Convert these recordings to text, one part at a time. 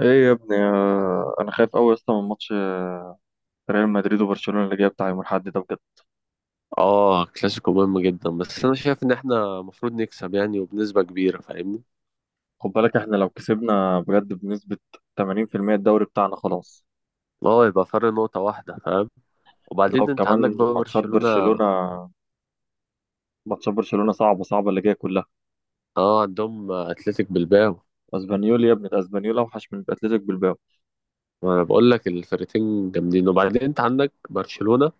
ايه يا ابني، انا خايف قوي اصلا من ماتش ريال مدريد وبرشلونة اللي جاي بتاع يوم الاحد ده بجد. اه، كلاسيكو مهم جدا، بس انا شايف ان احنا المفروض نكسب يعني وبنسبة كبيرة. فاهمني؟ خد بالك، احنا لو كسبنا بجد بنسبة 80% الدوري بتاعنا خلاص. اه، يبقى فرق نقطة واحدة. فاهم؟ لو وبعدين انت كمان عندك بقى ماتشات برشلونة. برشلونة ماتشات برشلونة صعبة صعبة اللي جاية كلها. اه، عندهم اتلتيك بالباو. اسبانيول يا ابني، ده اسبانيول اوحش من اتلتيك بالباو. وانا بقول لك الفرقتين جامدين. وبعدين انت عندك برشلونة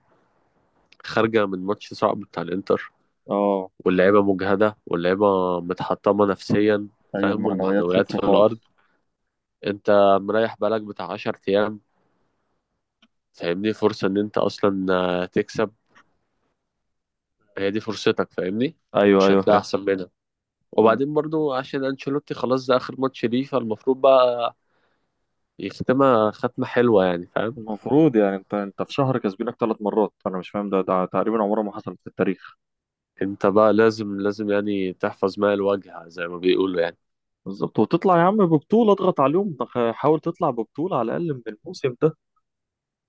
خارجة من ماتش صعب بتاع الانتر، اه، واللعيبة مجهدة واللعيبة متحطمة نفسيا. ايوه، فاهم؟ المعنويات والمعنويات في صفر الارض. خالص. انت مريح بالك بتاع 10 ايام. فاهمني؟ فرصة ان انت اصلا تكسب. هي دي فرصتك. فاهمني؟ ايوه، مش ايوه، هتلاقي فاهم. احسن منها. مم. وبعدين برضو عشان انشيلوتي خلاص، ده اخر ماتش ليه، فالمفروض بقى يختمها ختمة حلوة يعني. فاهم؟ المفروض يعني انت في شهر كسبينك ثلاث مرات. انا مش فاهم ده تقريبا عمره ما حصلت في التاريخ. انت بقى لازم لازم يعني تحفظ ماء الوجه زي ما بيقولوا يعني. بالظبط، وتطلع يا عم ببطولة، اضغط عليهم، حاول تطلع ببطولة على الأقل من الموسم ده.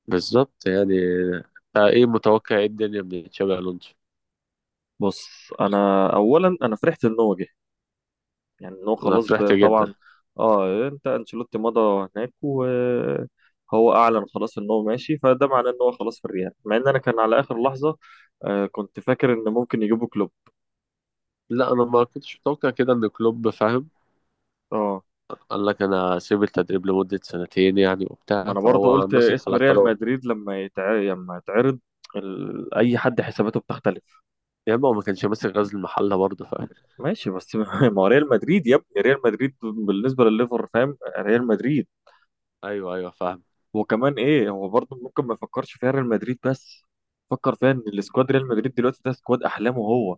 بالظبط يعني. ايه متوقع، ايه الدنيا من تشابي الونسو؟ بص، أنا أولا أنا فرحت إن هو جه. يعني إن هو انا خلاص فرحت طبعا. جدا. أه، أنت أنشيلوتي مضى هناك وهو أعلن خلاص إن هو ماشي، فده معناه إن هو خلاص في الريال، مع إن أنا كان على آخر لحظة. كنت فاكر إن ممكن يجيبوا كلوب. لا، انا ما كنتش متوقع كده ان كلوب. فاهم؟ أه، قال لك انا سيب التدريب لمدة سنتين يعني ما وبتاع، أنا برضه فهو قلت ماسك اسم على ريال قراره. مدريد لما يتعرض. أي حد حساباته بتختلف. يا اما هو ما كانش ماسك غزل المحلة برضه. فاهم؟ ماشي بس ما هو ريال مدريد يا ابني، ريال مدريد بالنسبه لليفر، فاهم؟ ريال مدريد. ايوه ايوه فاهم. وكمان ايه، هو برضه ممكن ما يفكرش فيها ريال مدريد، بس فكر فيها ان السكواد ريال مدريد دلوقتي ده سكواد احلامه هو.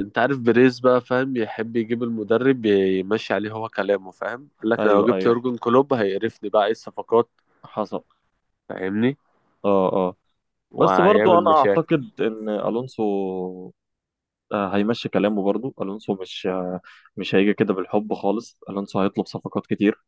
انت عارف بريز بقى، فاهم؟ يحب يجيب المدرب يمشي عليه هو كلامه. فاهم؟ قال لك انا لو ايوه، جبت ايوه، يورجن كلوب هيقرفني، بقى ايه الصفقات. حصل. فاهمني؟ اه، اه. بس وهيعمل برضه انا مشاكل. اعتقد ان الونسو هيمشي كلامه، برضه الونسو مش مش هيجي كده بالحب خالص، الونسو هيطلب صفقات كتير.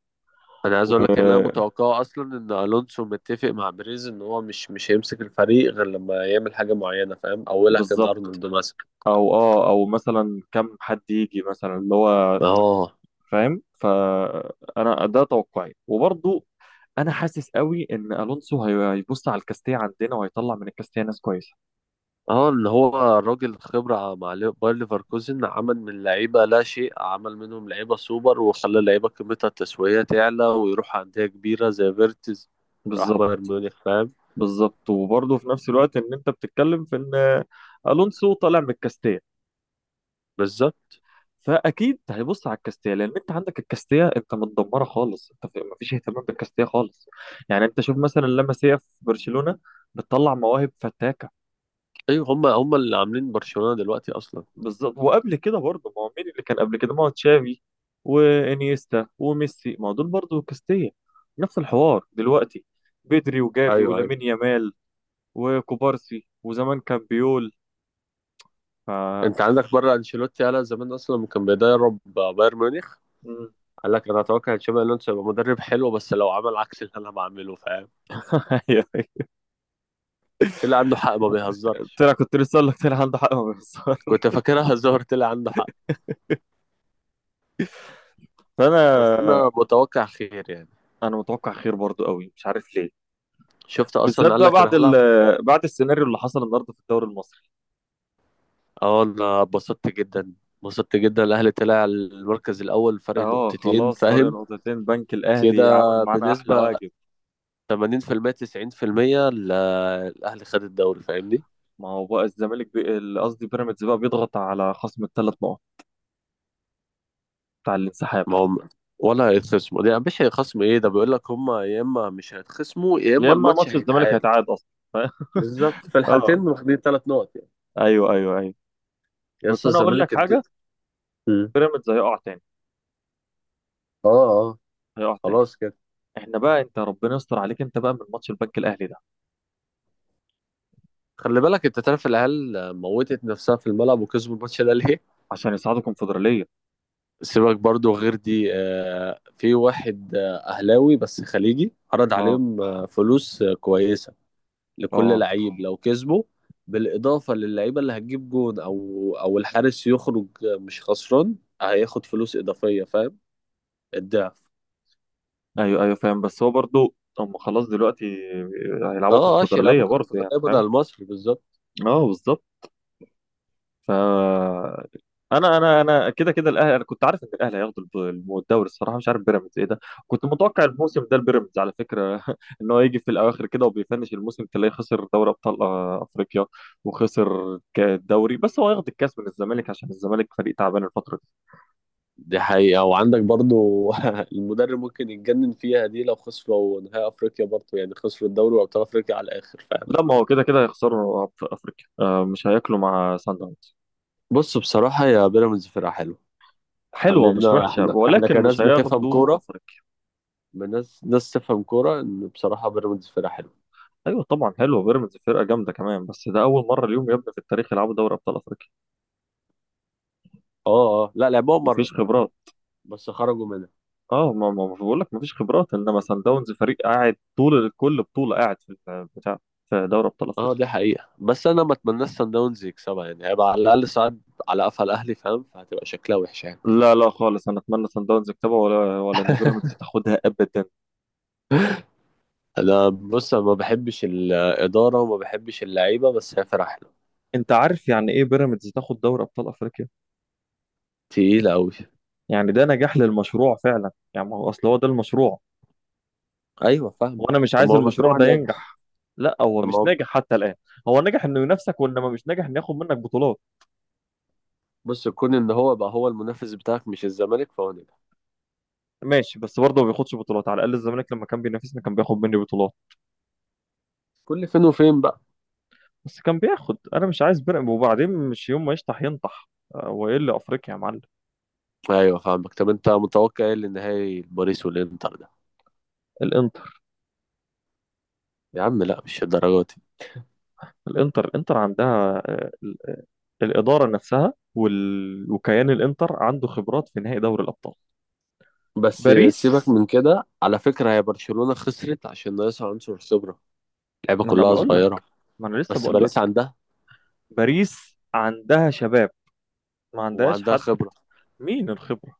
انا عايز و- اقول لك ان انا متوقعه اصلا ان الونسو متفق مع بريز ان هو مش هيمسك الفريق غير لما يعمل حاجه معينه. فاهم؟ اولها كان بالظبط. ارنولد مثلا. او مثلا كم حد يجي مثلا اللي هو. اهو. فاهم، فانا ده توقعي وبرضو انا حاسس قوي ان الونسو هيبص على الكاستيه عندنا، وهيطلع من الكاستيه ناس كويسه. اه، اللي هو الراجل خبرة مع باير ليفركوزن، عمل من لعيبة لا شيء، عمل منهم لعيبة سوبر، وخلى اللعيبة قيمتها التسويقية تعلى ويروح أندية كبيرة زي فيرتز. راح بايرن بالظبط، ميونخ. فاهم؟ بالظبط. وبرضه في نفس الوقت ان انت بتتكلم في ان الونسو طالع من الكاستيه، بالظبط. فاكيد هيبص على الكاستيه، لان انت عندك الكاستيه انت متدمره خالص، انت مفيش اهتمام بالكاستيه خالص. يعني انت شوف مثلا لاماسيا في برشلونه بتطلع مواهب فتاكه. أيوة، هما اللي عاملين برشلونة دلوقتي أصلا. بالظبط، وقبل كده برضه، ما هو مين اللي كان قبل كده؟ ما هو تشافي وانيستا وميسي، ما هو دول برضه كاستيا. نفس الحوار دلوقتي، بدري وجافي أيوة أيوة. ولامين يامال وكوبارسي، وزمان كان بيول. ف. أنت عندك بره أنشيلوتي قالها زمان أصلا لما كان بيدرب بايرن ميونخ. مم. قال لك أنا أتوقع إن تشابي ألونسو يبقى مدرب حلو بس لو عمل عكس اللي أنا بعمله. فاهم؟ أيوة. طلع عنده حق، ما بيهزرش. كنت لسه اقول لك طلع عنده حق ما بيخسرش. كنت فاكرها هزار، طلع عنده حق. بس فانا أنا متوقع خير يعني. انا متوقع خير برضه قوي، مش عارف ليه. شفت اصلا، بالذات قال بقى لك بعد انا هلعب. بعد السيناريو اللي حصل النهارده في الدوري المصري. اه، انا اتبسطت جدا اتبسطت جدا، الاهلي طلع المركز الاول فرق اه، نقطتين. خلاص فرق فاهم؟ نقطتين، بنك كده الاهلي عمل معانا احلى بنسبة واجب. 80% 90% الاهلي خد الدوري. فاهمني؟ ما هو بقى الزمالك قصدي بيراميدز بقى بيضغط على خصم الثلاث نقط بتاع الانسحاب. ما هم ولا هيتخصموا، دي مش هيخصموا ايه، ده بيقول لك هم يا اما مش هيتخصموا يا اما يا اما الماتش ماتش الزمالك هيتعاد. هيتعاد اصلا ف- بالظبط، في اه، الحالتين واخدين ثلاث نقط يعني. ايوه، ايوه، ايوه. يا بس اسطى انا اقول لك الزمالك حاجه، مم. بيراميدز هيقع تاني. اه اه. هيقع تاني. خلاص كده. احنا بقى، انت ربنا يستر عليك، انت بقى من ماتش البنك الاهلي ده. خلي بالك انت، تعرف العيال موتت نفسها في الملعب وكسبوا الماتش ده ليه؟ عشان يصعدوا كونفدراليه. سيبك برضو، غير دي في واحد أهلاوي بس خليجي عرض اه، عليهم فلوس كويسة لكل اه، لعيب لو كسبه، بالإضافة للعيبة اللي هتجيب جون أو الحارس يخرج، مش خسران، هياخد فلوس إضافية. فاهم؟ الضعف. ايوه، ايوه، فاهم. بس هو برضو هم خلاص دلوقتي هيلعبوا اه اه، يلعبوا كونفدراليه برضه، يعني كونفدرالية فاهم. بدل مصر. بالظبط. اه بالظبط. ف انا كده كده، الاهلي، انا كنت عارف ان الاهلي هياخدوا الدوري. الصراحه مش عارف بيراميدز ايه ده. كنت متوقع الموسم ده البيراميدز على فكره ان هو يجي في الاواخر كده، وبيفنش الموسم تلاقيه خسر دوري ابطال افريقيا. وخسر الدوري، بس هو ياخد الكاس من الزمالك عشان الزمالك فريق تعبان الفتره دي. دي حقيقة. وعندك برضو المدرب ممكن يتجنن فيها دي لو خسروا نهائي أفريقيا، برضو يعني خسروا الدوري وأبطال أفريقيا على الآخر. فاهم؟ لا، ما هو كده كده هيخسروا في افريقيا، مش هياكلوا مع سان داونز. بص بصراحة، يا بيراميدز فرقة حلوة. حلوه مش خلينا وحشه، احنا ولكن كناس مش بتفهم هياخدوا كوره، افريقيا. من ناس تفهم كوره، ان بصراحه بيراميدز فرقه حلوه. ايوه طبعا، حلوه، بيراميدز فرقه جامده كمان، بس ده اول مره اليوم يا ابني في التاريخ يلعبوا دوري ابطال افريقيا. اه اه، لا لعبوها مره مفيش خبرات. بس خرجوا منها. اه، ما ما ما بقول لك مفيش خبرات، انما سان داونز فريق قاعد طول كل بطوله، قاعد في بتاع في دوري ابطال اه افريقيا. دي حقيقه، بس انا ما اتمناش سان داونز يكسبها يعني، هيبقى على الاقل صعد على قفا الاهلي. فاهم؟ فهتبقى شكلها وحش يعني. لا لا خالص، انا اتمنى سان داونز يكسبها ولا ولا ان بيراميدز تاخدها ابدا. انا بص، أنا ما بحبش الاداره وما بحبش اللعيبه بس هي فرقه حلوه. انت عارف يعني ايه بيراميدز تاخد دوري ابطال افريقيا؟ تقيله قوي. يعني ده نجاح للمشروع فعلا يعني، ما هو اصل هو ده المشروع. ايوه فاهمه. وانا مش طب ما عايز هو المشروع مشروع ده ناجح. ينجح. لا، هو طب ما مش هو. ناجح حتى الان. هو نجح انه ينافسك، وانما مش ناجح انه ياخد منك بطولات. بص، كون ان هو بقى هو المنافس بتاعك مش الزمالك، فهو ناجح. ماشي، بس برضه ما بياخدش بطولات. على الاقل الزمالك لما كان بينافسنا كان بياخد مني بطولات. كل فين وفين بقى. بس كان بياخد، انا مش عايز بنقم، وبعدين مش يوم ما يشطح ينطح. وايه اللي افريقيا يا معلم. ايوه فاهمك. طب انت متوقع ايه للنهائي باريس والانتر ده؟ الانتر يا عم لا، مش الدرجات دي. الانتر عندها الاداره نفسها وكيان الانتر عنده خبرات في نهائي دوري الابطال. بس باريس. سيبك من كده، على فكرة هي برشلونة خسرت عشان ناقصها عنصر خبرة، اللعيبة ما انا كلها بقول لك صغيرة. ما انا لسه بس بقول باريس لك. عندها، باريس عندها شباب، ما عندهاش وعندها حد. خبرة. مين الخبره؟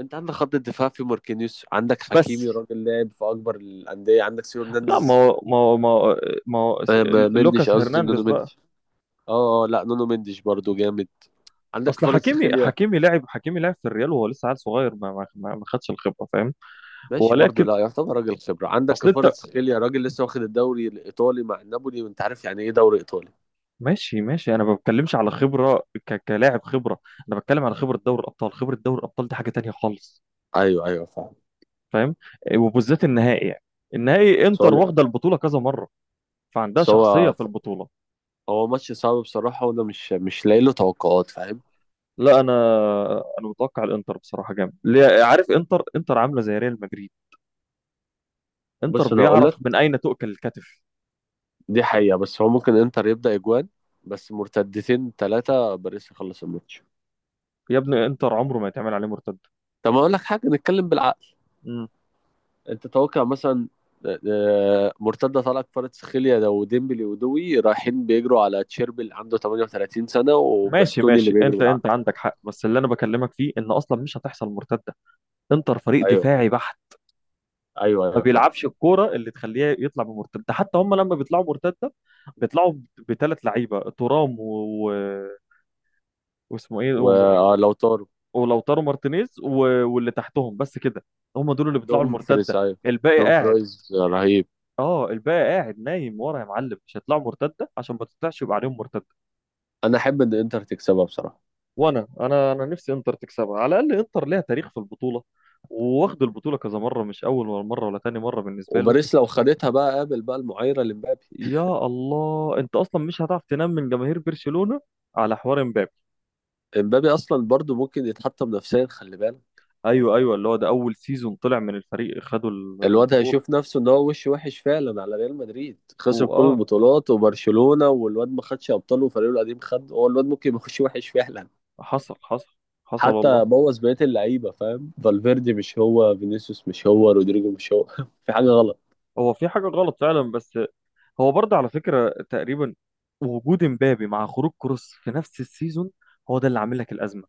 انت عندك خط الدفاع في ماركينيوس، عندك بس حكيمي راجل لاعب في اكبر الاندية، عندك سيو لا، ما هرنانديز. هو- ما هو- ما هو- ما هو س- مندش، لوكاس قصدي نونو هرنانديز بقى. مندش. اه اه، لا نونو مندش برضو جامد. عندك اصل حكيمي كفاراتسخيليا. حكيمي لعب حكيمي لعب في الريال، وهو لسه عيل صغير، ما خدش الخبره، فاهم؟ ماشي برضو، ولكن، لا يعتبر راجل خبرة، عندك اصل انت. كفاراتسخيليا راجل لسه واخد الدوري الإيطالي مع نابولي وأنت عارف يعني إيه دوري إيطالي. ماشي ماشي، انا ما بتكلمش على خبره كلاعب خبره. انا بتكلم على خبره دوري الابطال. خبره دوري الابطال دي حاجه تانية خالص. أيوه أيوه فاهم. فاهم؟ إيه، وبالذات النهائي يعني، النهائي، بس هو انتر واخده البطوله كذا مره، فعندها بس شخصيه هو في البطوله. هو ماتش صعب بصراحة، وأنا مش لاقي له توقعات. فاهم؟ لا، انا متوقع الانتر بصراحه جامد، عارف، انتر عامله زي ريال مدريد. انتر بص أنا هقول بيعرف من لك، اين تؤكل الكتف. دي حقيقة، بس هو ممكن إنتر يبدأ إجوان، بس مرتدتين ثلاثة باريس يخلص الماتش. يا ابني، انتر عمره ما يتعمل عليه مرتده. طب أقول لك حاجة، نتكلم بالعقل. مم. أنت توقع مثلا آه، مرتدة طالعة كفاراتسخيليا ده وديمبلي ودوي رايحين بيجروا على تشيربي اللي عنده 38 سنة ماشي وباستوني اللي ماشي، بيجري انت بالعافية. عندك حق، بس اللي انا بكلمك فيه ان اصلا مش هتحصل مرتده. انتر فريق ايوه دفاعي بحت. ايوه ما ايوه فاهم. بيلعبش الكوره اللي تخليه يطلع بمرتده، ده حتى هم لما بيطلعوا مرتده، بيطلعوا بثلاث لعيبه، ترام واسمه ايه ولو طاروا ولوتارو مارتينيز واللي تحتهم، بس كده. هم دول اللي بيطلعوا دوم فريز، المرتده. ايوه الباقي دوم قاعد. فرايز رهيب. اه، الباقي قاعد نايم ورا يا معلم، مش هيطلعوا مرتده، عشان ما تطلعش يبقى عليهم مرتده. انا احب ان انتر تكسبها بصراحه. وانا انا انا نفسي انتر تكسبها، على الاقل انتر ليها تاريخ في البطوله، وواخد البطوله كذا مره، مش اول ولا مره ولا تاني مره بالنسبه له. وباريس لو خدتها بقى، قابل بقى المعايره لمبابي. يا الله، انت اصلا مش هتعرف تنام من جماهير برشلونة على حوار امبابي. امبابي اصلا برضو ممكن يتحطم نفسيا، خلي بالك. ايوه، ايوه، اللي هو ده اول سيزون طلع من الفريق خدوا الواد البطولة. هيشوف نفسه ان هو وش وحش فعلا على ريال مدريد، خسر كل واه، البطولات، وبرشلونه والواد ما خدش ابطال وفريقه القديم خد، هو الواد ممكن يخش وحش فعلا. حصل. حصل. حصل حتى والله. بوظ بقيه اللعيبه. فاهم؟ فالفيردي مش هو، فينيسيوس مش هو، رودريجو مش هو. في حاجه غلط. هو في حاجة غلط فعلا، بس هو برضه على فكرة تقريبا، وجود امبابي مع خروج كروس في نفس السيزون هو ده اللي عامل لك الأزمة.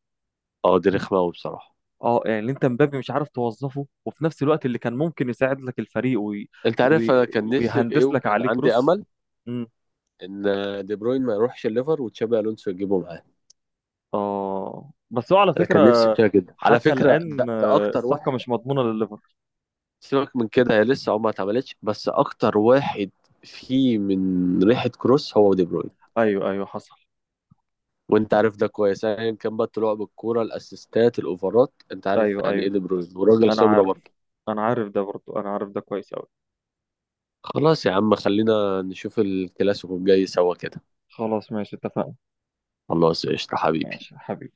اه دي رخمه قوي بصراحه. اه، يعني انت امبابي مش عارف توظفه، وفي نفس الوقت اللي كان ممكن يساعد لك الفريق انت عارف وي... انا كان نفسي في ايه، ويهندس لك وكان عليه عندي كروس. امل ان دي بروين ما يروحش الليفر وتشابي الونسو يجيبه معاه. اه، بس هو على انا فكرة كان نفسي فيها جدا على حتى فكره، الآن ده اكتر الصفقة واحد. مش مضمونة لليفر. سيبك من كده، هي لسه عمرها ما اتعملتش، بس اكتر واحد فيه من ريحه كروس هو دي بروين. ايوه، ايوه، حصل. وانت عارف ده كويس، ايا كان بقى طلوع بالكوره، الاسيستات، الاوفرات، انت عارف ايوه يعني ايه ايوه، دي بروين، وراجل انا خبره عارف برضه. انا عارف ده برضو، انا عارف ده كويس قوي. خلاص يا عم، خلينا نشوف الكلاسيكو الجاي سوا كده. خلاص ماشي، اتفقنا. خلاص قشطه حبيبي. ماشي حبيبي.